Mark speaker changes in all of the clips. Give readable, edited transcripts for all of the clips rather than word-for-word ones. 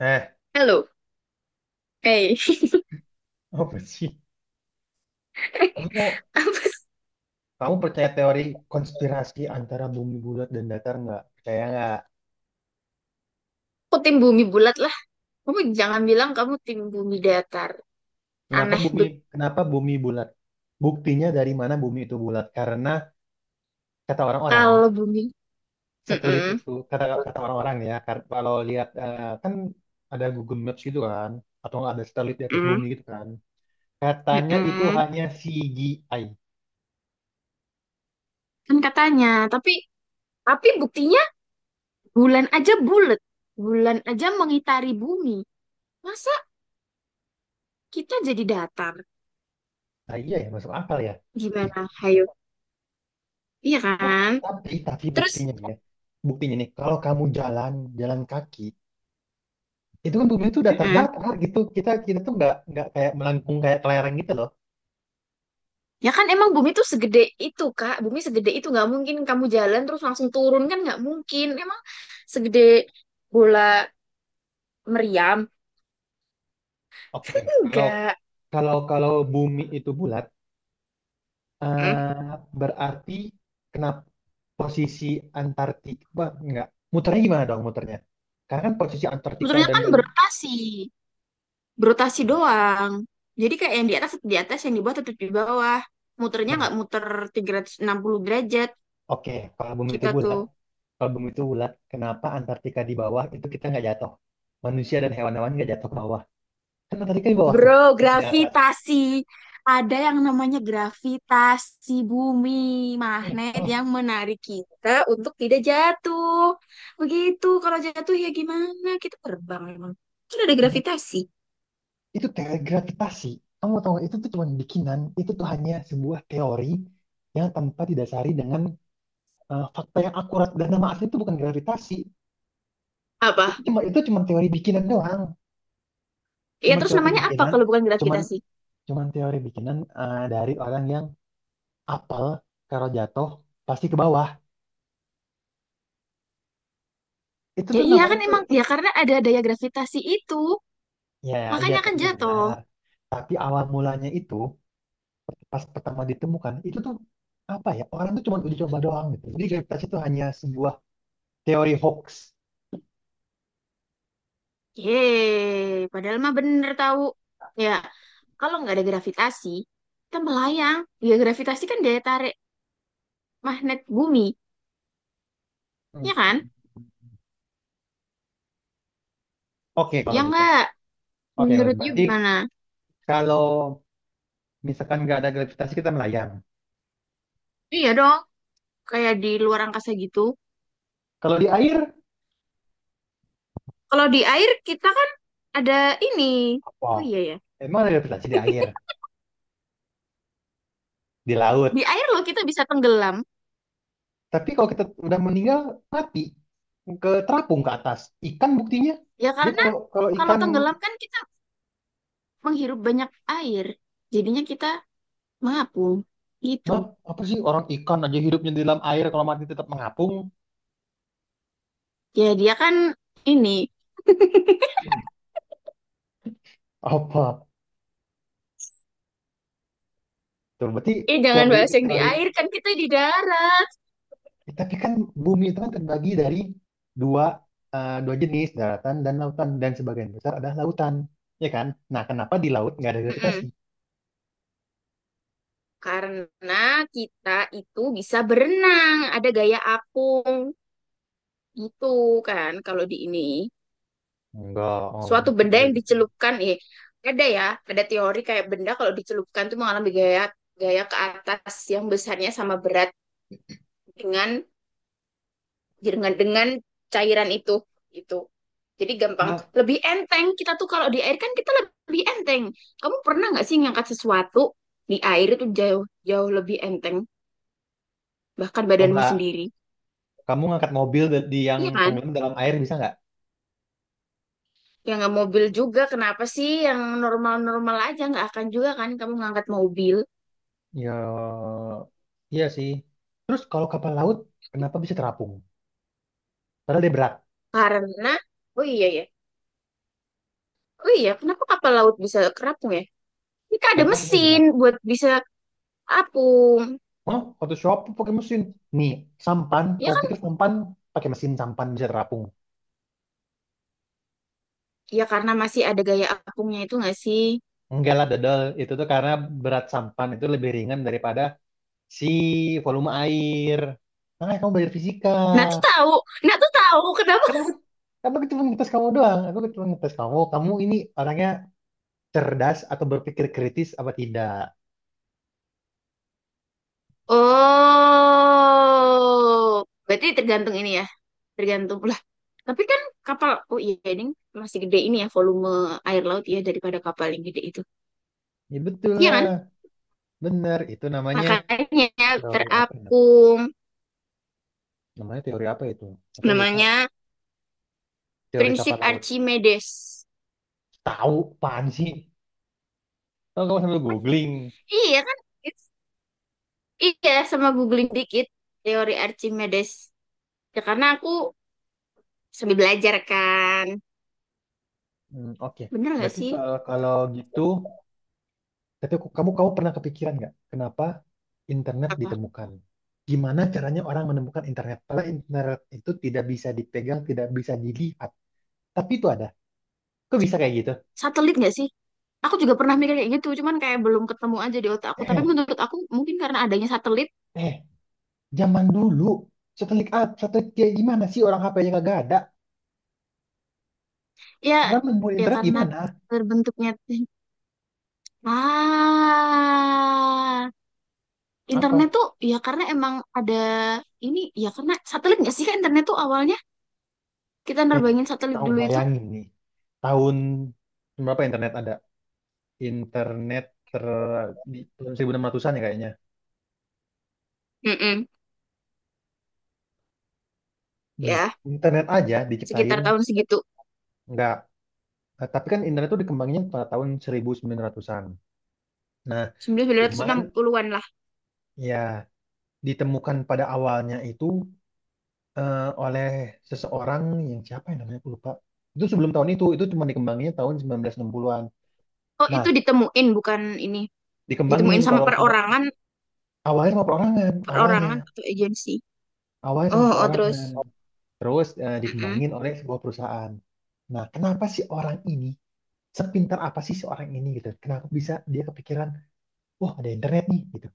Speaker 1: Eh,
Speaker 2: Halo, eh,
Speaker 1: apa sih? Kamu,
Speaker 2: apa sih?
Speaker 1: kamu percaya teori konspirasi antara bumi bulat dan datar nggak? Percaya nggak?
Speaker 2: Aku tim bumi bulat lah. Kamu jangan bilang kamu tim bumi datar.
Speaker 1: Kenapa
Speaker 2: Aneh
Speaker 1: bumi,
Speaker 2: bet
Speaker 1: kenapa bumi bulat? Buktinya dari mana bumi itu bulat? Karena kata orang-orang,
Speaker 2: kalau bumi.
Speaker 1: satelit
Speaker 2: Mm-mm,
Speaker 1: itu, kata kata orang-orang ya, kalau lihat, kan ada Google Maps gitu kan, atau nggak ada satelit di atas
Speaker 2: mm-mm,
Speaker 1: bumi gitu kan. Katanya itu
Speaker 2: mm-mm.
Speaker 1: hanya CGI.
Speaker 2: Kan katanya, tapi tapi buktinya bulan aja bulat. Bulan aja mengitari bumi. Masa kita jadi datar?
Speaker 1: Nah iya ya, masuk akal ya.
Speaker 2: Gimana? Hayo. Iya kan?
Speaker 1: Tapi
Speaker 2: Terus,
Speaker 1: buktinya nih ya, buktinya nih, kalau kamu jalan, jalan kaki, itu kan bumi itu udah
Speaker 2: mm-mm.
Speaker 1: terdata gitu, kita kita tuh nggak kayak melengkung kayak kelereng gitu loh.
Speaker 2: Ya kan emang bumi tuh segede itu, Kak. Bumi segede itu nggak mungkin kamu jalan terus langsung turun kan nggak mungkin. Emang segede bola meriam
Speaker 1: Oke, kalau
Speaker 2: enggak.
Speaker 1: kalau kalau bumi itu bulat,
Speaker 2: Hmm.
Speaker 1: eh, berarti kenapa posisi Antartika, wah, nggak, muternya gimana dong, muternya karena kan posisi Antartika
Speaker 2: Sebetulnya
Speaker 1: dan
Speaker 2: kan berotasi berotasi doang, jadi kayak yang di atas tetap di atas, yang di bawah tetap di bawah. Muternya
Speaker 1: nah,
Speaker 2: nggak muter 360 derajat.
Speaker 1: oke, kalau bumi itu
Speaker 2: Kita
Speaker 1: bulat,
Speaker 2: tuh,
Speaker 1: kalau bumi itu bulat kenapa Antartika di bawah itu kita nggak jatuh, manusia dan hewan-hewan nggak jatuh ke bawah, kan Antartika di bawah tuh,
Speaker 2: bro,
Speaker 1: di atas.
Speaker 2: gravitasi. Ada yang namanya gravitasi bumi,
Speaker 1: Eh,
Speaker 2: magnet yang menarik kita untuk tidak jatuh. Begitu, kalau jatuh ya gimana, kita terbang emang? Kan ada
Speaker 1: eh,
Speaker 2: gravitasi.
Speaker 1: itu teori gravitasi. Kamu tahu nggak, itu tuh cuma bikinan, itu tuh hanya sebuah teori yang tanpa didasari dengan, fakta yang akurat, dan nama asli itu bukan gravitasi. Itu
Speaker 2: Apa
Speaker 1: cuma itu cuma teori bikinan doang.
Speaker 2: ya,
Speaker 1: Cuma
Speaker 2: terus
Speaker 1: teori
Speaker 2: namanya apa
Speaker 1: bikinan,
Speaker 2: kalau bukan
Speaker 1: cuman
Speaker 2: gravitasi?
Speaker 1: cuman teori bikinan, dari orang yang apel kalau jatuh pasti ke bawah. Itu
Speaker 2: Ya
Speaker 1: tuh
Speaker 2: iya
Speaker 1: namanya
Speaker 2: kan
Speaker 1: tuh.
Speaker 2: emang, ya karena ada daya gravitasi itu,
Speaker 1: Ya, iya
Speaker 2: makanya kan
Speaker 1: iya,
Speaker 2: jatuh.
Speaker 1: benar. Tapi awal mulanya itu, pas pertama ditemukan itu tuh apa ya, orang tuh cuma uji coba doang gitu. Jadi gravitasi itu hanya sebuah teori hoax.
Speaker 2: Yeay, padahal mah bener tahu. Ya, kalau nggak ada gravitasi, kita melayang. Ya gravitasi kan daya tarik magnet bumi,
Speaker 1: Hmm.
Speaker 2: ya kan?
Speaker 1: Oke, kalau
Speaker 2: Ya
Speaker 1: gitu.
Speaker 2: nggak?
Speaker 1: Oke,
Speaker 2: Menurut you
Speaker 1: berarti
Speaker 2: gimana?
Speaker 1: kalau misalkan nggak ada gravitasi kita melayang.
Speaker 2: Iya dong, kayak di luar angkasa gitu.
Speaker 1: Kalau di air,
Speaker 2: Kalau di air kita kan ada ini.
Speaker 1: apa?
Speaker 2: Oh iya ya,
Speaker 1: Emang ada gravitasi di air, di laut.
Speaker 2: di air loh kita bisa tenggelam.
Speaker 1: Tapi kalau kita udah meninggal, mati. Ke terapung ke atas. Ikan buktinya.
Speaker 2: Ya
Speaker 1: Dia
Speaker 2: karena
Speaker 1: kalau kalau
Speaker 2: kalau
Speaker 1: ikan,
Speaker 2: tenggelam kan kita menghirup banyak air. Jadinya kita mengapung gitu.
Speaker 1: hah? Apa sih, orang ikan aja hidupnya di dalam air kalau mati tetap mengapung.
Speaker 2: Ya dia kan ini,
Speaker 1: Apa? Tuh, berarti
Speaker 2: jangan
Speaker 1: teori
Speaker 2: bahas yang di
Speaker 1: teori
Speaker 2: air, kan kita di darat.
Speaker 1: Ya, tapi kan bumi itu kan terbagi dari dua, dua jenis, daratan dan lautan. Dan sebagian besar adalah lautan, ya kan? Nah, kenapa di laut nggak ada gravitasi?
Speaker 2: Mm-mm. Karena kita itu bisa berenang, ada gaya apung gitu kan. Kalau di ini
Speaker 1: Enggak, oh,
Speaker 2: suatu
Speaker 1: mungkin
Speaker 2: benda
Speaker 1: dari
Speaker 2: yang
Speaker 1: itu.
Speaker 2: dicelupkan, ada ya, ada teori kayak benda kalau dicelupkan tuh mengalami gaya gaya ke atas yang besarnya sama berat dengan dengan cairan itu. itu jadi gampang,
Speaker 1: Nah,
Speaker 2: lebih enteng kita tuh kalau di air, kan kita lebih enteng. Kamu pernah nggak sih ngangkat sesuatu di air, itu jauh jauh lebih enteng, bahkan badanmu
Speaker 1: coba
Speaker 2: sendiri.
Speaker 1: kamu ngangkat mobil di yang
Speaker 2: Iya kan?
Speaker 1: tenggelam dalam air bisa nggak?
Speaker 2: Yang nggak mobil juga, kenapa sih, yang normal-normal aja nggak akan juga kan kamu ngangkat mobil.
Speaker 1: Ya, iya sih. Terus kalau kapal laut, kenapa bisa terapung? Padahal dia berat.
Speaker 2: Karena oh iya ya, oh iya kenapa kapal laut bisa kerapung ya? Kita ada
Speaker 1: Padahal dia
Speaker 2: mesin
Speaker 1: berat.
Speaker 2: buat bisa apung.
Speaker 1: Oh, Photoshop pakai mesin. Nih, sampan,
Speaker 2: Ya
Speaker 1: kamu
Speaker 2: kan,
Speaker 1: pikir sampan pakai mesin, sampan bisa terapung?
Speaker 2: ya karena masih ada gaya apungnya itu nggak sih?
Speaker 1: Enggak lah dodol, itu tuh karena berat sampan itu lebih ringan daripada si volume air. Makanya kamu belajar fisika.
Speaker 2: Nah tuh tahu, nah tuh tahu kenapa?
Speaker 1: Kan aku, kan aku cuma ngetes kamu doang, aku cuma ngetes kamu. Kamu ini orangnya cerdas atau berpikir kritis apa tidak.
Speaker 2: Oh, berarti tergantung ini ya, tergantung lah. Tapi kan kapal, oh iya ini masih gede ini ya, volume air laut ya daripada kapal yang gede itu,
Speaker 1: Ya betul
Speaker 2: iya kan?
Speaker 1: lah, bener. Itu namanya
Speaker 2: Makanya
Speaker 1: teori apa ya?
Speaker 2: terapung,
Speaker 1: Namanya teori apa itu? Atau lupa,
Speaker 2: namanya
Speaker 1: teori
Speaker 2: prinsip
Speaker 1: kapal laut.
Speaker 2: Archimedes.
Speaker 1: Tahu, apaan sih? Tahu, kamu sambil googling.
Speaker 2: Iya kan? It's- Iya, sama googling dikit teori Archimedes. Ya karena aku sambil belajar kan,
Speaker 1: Hmm. Oke,
Speaker 2: bener nggak
Speaker 1: berarti
Speaker 2: sih?
Speaker 1: kalau, kalau gitu, kamu kamu pernah kepikiran nggak? Kenapa internet
Speaker 2: Apa?
Speaker 1: ditemukan. Gimana caranya orang menemukan internet? Karena internet itu tidak bisa dipegang, tidak bisa dilihat. Tapi itu ada. Kok bisa kayak gitu?
Speaker 2: Satelit nggak sih? Aku juga pernah mikir kayak gitu, cuman kayak belum ketemu aja di otak aku. Tapi
Speaker 1: Eh,
Speaker 2: menurut aku mungkin karena adanya satelit,
Speaker 1: eh, zaman dulu satelit A, satelit kayak gimana sih orang HP-nya kagak ada?
Speaker 2: ya
Speaker 1: Orang menemukan
Speaker 2: ya
Speaker 1: internet
Speaker 2: karena
Speaker 1: gimana?
Speaker 2: terbentuknya ah internet
Speaker 1: Apa?
Speaker 2: tuh, ya karena emang ada ini, ya karena satelit nggak sih. Kan internet tuh awalnya kita
Speaker 1: Eh,
Speaker 2: nerbangin satelit
Speaker 1: kau
Speaker 2: dulu itu.
Speaker 1: bayangin nih, tahun berapa internet ada? Internet ter di tahun 1600-an ya kayaknya.
Speaker 2: Mm-mm.
Speaker 1: Nih,
Speaker 2: Ya,
Speaker 1: internet aja
Speaker 2: sekitar
Speaker 1: diciptain
Speaker 2: tahun segitu
Speaker 1: nggak. Nah, tapi kan internet itu dikembangin pada tahun 1900-an. Nah, cuman
Speaker 2: 1960-an lah.
Speaker 1: ya, ditemukan pada awalnya itu, oleh seseorang yang, siapa yang namanya aku lupa. Itu sebelum tahun itu cuma dikembanginnya tahun 1960-an.
Speaker 2: Oh,
Speaker 1: Nah,
Speaker 2: itu ditemuin bukan ini. Ditemuin
Speaker 1: dikembangin
Speaker 2: sama
Speaker 1: kalau
Speaker 2: perorangan,
Speaker 1: awalnya sama perorangan, awalnya.
Speaker 2: perorangan atau agensi.
Speaker 1: Awalnya sama
Speaker 2: Oh, oh
Speaker 1: perorangan.
Speaker 2: terus.
Speaker 1: Terus,
Speaker 2: Mm-mm.
Speaker 1: dikembangin oleh sebuah perusahaan. Nah, kenapa sih orang ini, sepintar apa sih seorang ini gitu? Kenapa bisa dia kepikiran, wah ada internet nih gitu.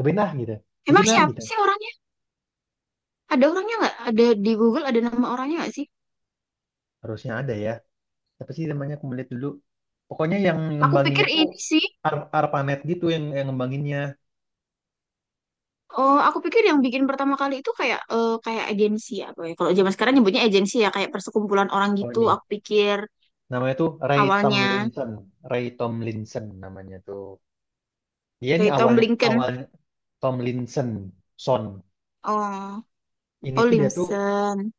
Speaker 1: Cobain ah gitu,
Speaker 2: Emang
Speaker 1: bikin ah
Speaker 2: siapa
Speaker 1: gitu.
Speaker 2: sih orangnya? Ada orangnya nggak? Ada di Google, ada nama orangnya nggak sih?
Speaker 1: Harusnya ada ya, apa sih namanya, aku melihat dulu, pokoknya yang
Speaker 2: Aku pikir
Speaker 1: ngembanginnya tuh
Speaker 2: ini sih.
Speaker 1: ARPANET gitu yang ngembanginnya,
Speaker 2: Oh, aku pikir yang bikin pertama kali itu kayak, kayak agensi apa ya? Kalau zaman sekarang nyebutnya agensi ya, kayak persekumpulan orang
Speaker 1: oh
Speaker 2: gitu.
Speaker 1: ini,
Speaker 2: Aku pikir
Speaker 1: namanya tuh Ray
Speaker 2: awalnya
Speaker 1: Tomlinson. Ray Tomlinson namanya tuh, dia ini
Speaker 2: dari Tom
Speaker 1: awalnya
Speaker 2: Lincoln.
Speaker 1: awalnya Tomlinson Son.
Speaker 2: Oh,
Speaker 1: Ini
Speaker 2: oh
Speaker 1: tuh dia tuh
Speaker 2: Limson.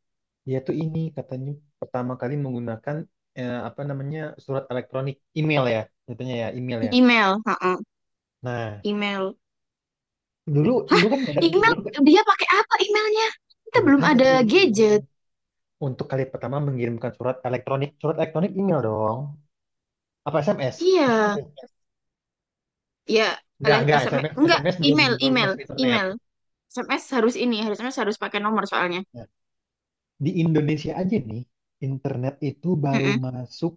Speaker 1: dia tuh ini katanya pertama kali menggunakan, apa namanya, surat elektronik email ya, katanya ya, email ya.
Speaker 2: Email, heeh,
Speaker 1: Nah,
Speaker 2: Email.
Speaker 1: dulu dulu kan nggak ada
Speaker 2: Email dia pakai apa emailnya? Kita
Speaker 1: ya
Speaker 2: belum
Speaker 1: makanya aku
Speaker 2: ada
Speaker 1: juga bingung,
Speaker 2: gadget.
Speaker 1: untuk kali pertama mengirimkan surat elektronik, surat elektronik, email dong, apa SMS?
Speaker 2: Iya, ya
Speaker 1: Enggak
Speaker 2: SMS
Speaker 1: SMS,
Speaker 2: enggak,
Speaker 1: SMS belum
Speaker 2: email,
Speaker 1: belum
Speaker 2: email,
Speaker 1: masuk internet.
Speaker 2: email. SMS harus ini, harus SMS harus pakai nomor soalnya.
Speaker 1: Nah, di Indonesia aja nih, internet itu baru masuk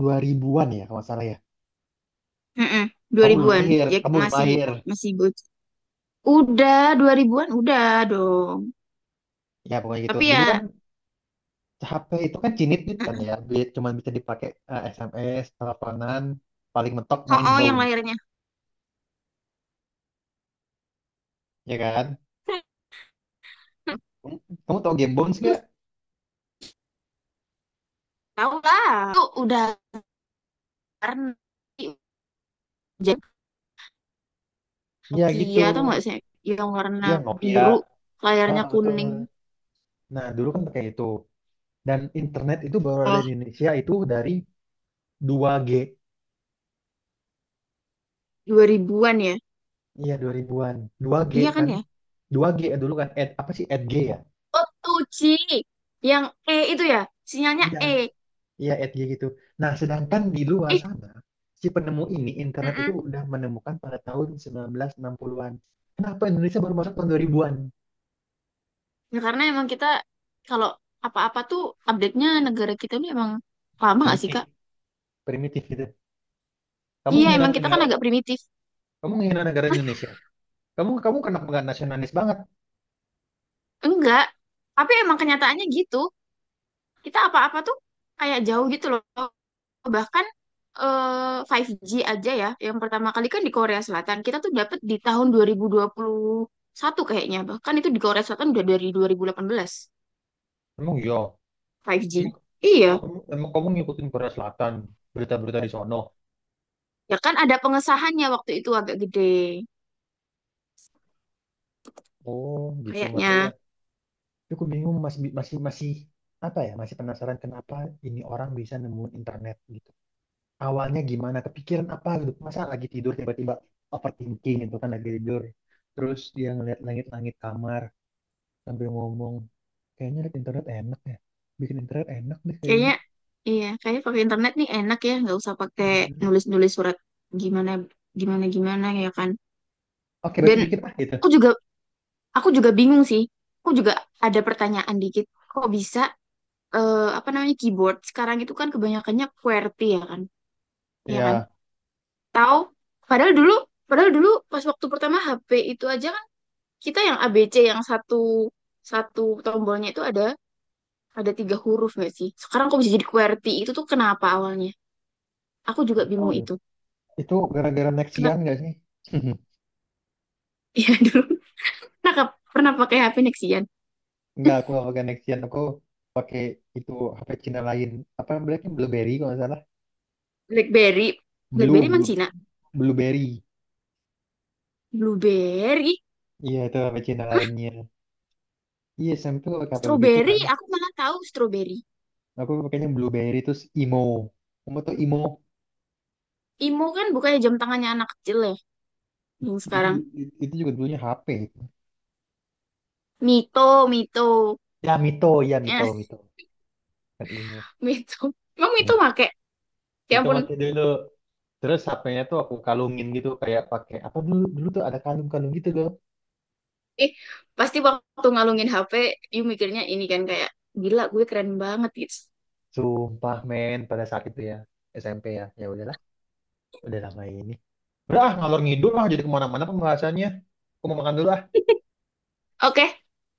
Speaker 1: 2000-an ya kalau nggak salah ya.
Speaker 2: Mm-mm,
Speaker 1: Kamu belum
Speaker 2: 2000-an.
Speaker 1: lahir,
Speaker 2: Ya
Speaker 1: kamu belum
Speaker 2: masih
Speaker 1: lahir.
Speaker 2: masih bocah. Udah 2000-an udah dong.
Speaker 1: Ya pokoknya gitu.
Speaker 2: Tapi
Speaker 1: Dulu kan
Speaker 2: ya
Speaker 1: HP itu kan cinit-cinit kan ya, cuman bisa dipakai, SMS, teleponan, paling mentok
Speaker 2: oh,
Speaker 1: main
Speaker 2: oh yang
Speaker 1: Bounce,
Speaker 2: lahirnya
Speaker 1: ya kan? Kamu, kamu tahu game Bounce nggak?
Speaker 2: tahu lah. Itu udah warna jadi
Speaker 1: Ya gitu.
Speaker 2: Nokia tuh nggak sih, yang warna
Speaker 1: Ya Nokia.
Speaker 2: biru
Speaker 1: Ah,
Speaker 2: layarnya kuning.
Speaker 1: betul. Nah, dulu kan pakai itu. Dan internet itu baru ada
Speaker 2: Oh,
Speaker 1: di Indonesia itu dari 2G.
Speaker 2: 2000-an ya.
Speaker 1: Iya, 2000-an. 2G
Speaker 2: Iya kan
Speaker 1: kan?
Speaker 2: ya?
Speaker 1: 2G ya dulu kan? Ed, apa sih? Edg ya?
Speaker 2: Oh, 2G. Yang E itu ya, sinyalnya
Speaker 1: Iya.
Speaker 2: E.
Speaker 1: Iya, Edg gitu. Nah, sedangkan di luar
Speaker 2: Ih,
Speaker 1: sana, si penemu ini, internet itu
Speaker 2: mm-mm.
Speaker 1: udah menemukan pada tahun 1960-an. Kenapa Indonesia baru masuk tahun 2000-an?
Speaker 2: Ya, karena emang kita kalau apa-apa tuh update-nya negara kita ini emang lama gak sih,
Speaker 1: Primitif.
Speaker 2: Kak?
Speaker 1: Primitif gitu. Kamu
Speaker 2: Iya,
Speaker 1: menghina
Speaker 2: emang kita kan
Speaker 1: negara,
Speaker 2: agak primitif.
Speaker 1: kamu menghina negara Indonesia. Kamu kamu kenapa nggak nasionalis banget?
Speaker 2: Enggak, tapi emang kenyataannya gitu. Kita apa-apa tuh kayak jauh gitu loh. Bahkan eh, 5G aja ya, yang pertama kali kan di Korea Selatan. Kita tuh dapet di tahun dua 2021 kayaknya. Bahkan itu di Korea Selatan udah dari 2018
Speaker 1: Emang yo,
Speaker 2: 5G.
Speaker 1: emang, emang,
Speaker 2: Iya,
Speaker 1: emang kamu ngikutin Korea Selatan, berita-berita di sono.
Speaker 2: ya kan ada pengesahannya waktu itu agak gede.
Speaker 1: Oh, gitu. Nggak tahu ya.
Speaker 2: Kayaknya,
Speaker 1: Cukup bingung, masih masih masih apa ya, masih penasaran kenapa ini orang bisa nemuin internet gitu, awalnya gimana kepikiran apa gitu, masa lagi tidur tiba-tiba overthinking gitu kan, lagi tidur terus dia ngeliat langit-langit kamar sambil ngomong, kayaknya liat internet enak ya, bikin internet enak deh kayaknya.
Speaker 2: kayaknya, iya, kayaknya pakai internet nih enak ya, nggak usah pakai
Speaker 1: Hmm.
Speaker 2: nulis-nulis surat gimana gimana gimana ya kan.
Speaker 1: Oke,
Speaker 2: Dan
Speaker 1: besok bikin ah gitu.
Speaker 2: aku juga aku juga bingung sih. Aku juga ada pertanyaan dikit. Kok bisa apa namanya keyboard sekarang itu kan kebanyakannya QWERTY ya kan? Ya kan?
Speaker 1: Ya
Speaker 2: Tahu padahal dulu padahal dulu pas waktu pertama HP itu aja kan, kita yang ABC yang satu satu tombolnya itu ada tiga huruf nggak sih? Sekarang kok bisa jadi QWERTY itu tuh kenapa awalnya? Aku juga
Speaker 1: tahu,
Speaker 2: bingung itu.
Speaker 1: itu gara-gara
Speaker 2: Kenapa?
Speaker 1: Nexian gak sih?
Speaker 2: Iya dulu. Nah, pernah pakai HP Nexian?
Speaker 1: Enggak, aku nggak pakai Nexian, aku pakai itu HP Cina lain, apa namanya, Blackberry kalau nggak salah.
Speaker 2: BlackBerry.
Speaker 1: Blue,
Speaker 2: BlackBerry mana Cina?
Speaker 1: blueberry.
Speaker 2: Blueberry.
Speaker 1: Iya, itu apa Cina lainnya. Iya, SMP tuh pakai apa begitu
Speaker 2: Strawberry,
Speaker 1: kan?
Speaker 2: aku malah tahu strawberry.
Speaker 1: Aku pakainya blueberry terus imo. Kamu tuh imo?
Speaker 2: Imo kan bukannya jam tangannya anak kecil ya, yang
Speaker 1: Itu, itu,
Speaker 2: sekarang.
Speaker 1: itu juga dulunya HP itu.
Speaker 2: Mito, Mito.
Speaker 1: Ya, Mito,
Speaker 2: Eh,
Speaker 1: Mito. Kan imo.
Speaker 2: Mito. Emang
Speaker 1: Ya.
Speaker 2: Mito make? Ya
Speaker 1: Mito
Speaker 2: ampun.
Speaker 1: pakai dulu. Terus HP-nya tuh aku kalungin gitu kayak pakai apa, dulu dulu tuh ada kalung-kalung gitu loh.
Speaker 2: Eh, pasti waktu ngalungin HP, you mikirnya ini kan kayak, gila gue keren banget gitu.
Speaker 1: Sumpah men pada saat itu ya, SMP ya. Ya udahlah, udah lama ini. Udah ah, ngalor ngidul lah jadi kemana-mana pembahasannya. Aku mau makan dulu ah.
Speaker 2: Oke,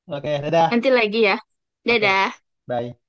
Speaker 1: Oke,
Speaker 2: nanti
Speaker 1: dadah.
Speaker 2: lagi ya.
Speaker 1: Oke,
Speaker 2: Dadah.
Speaker 1: bye.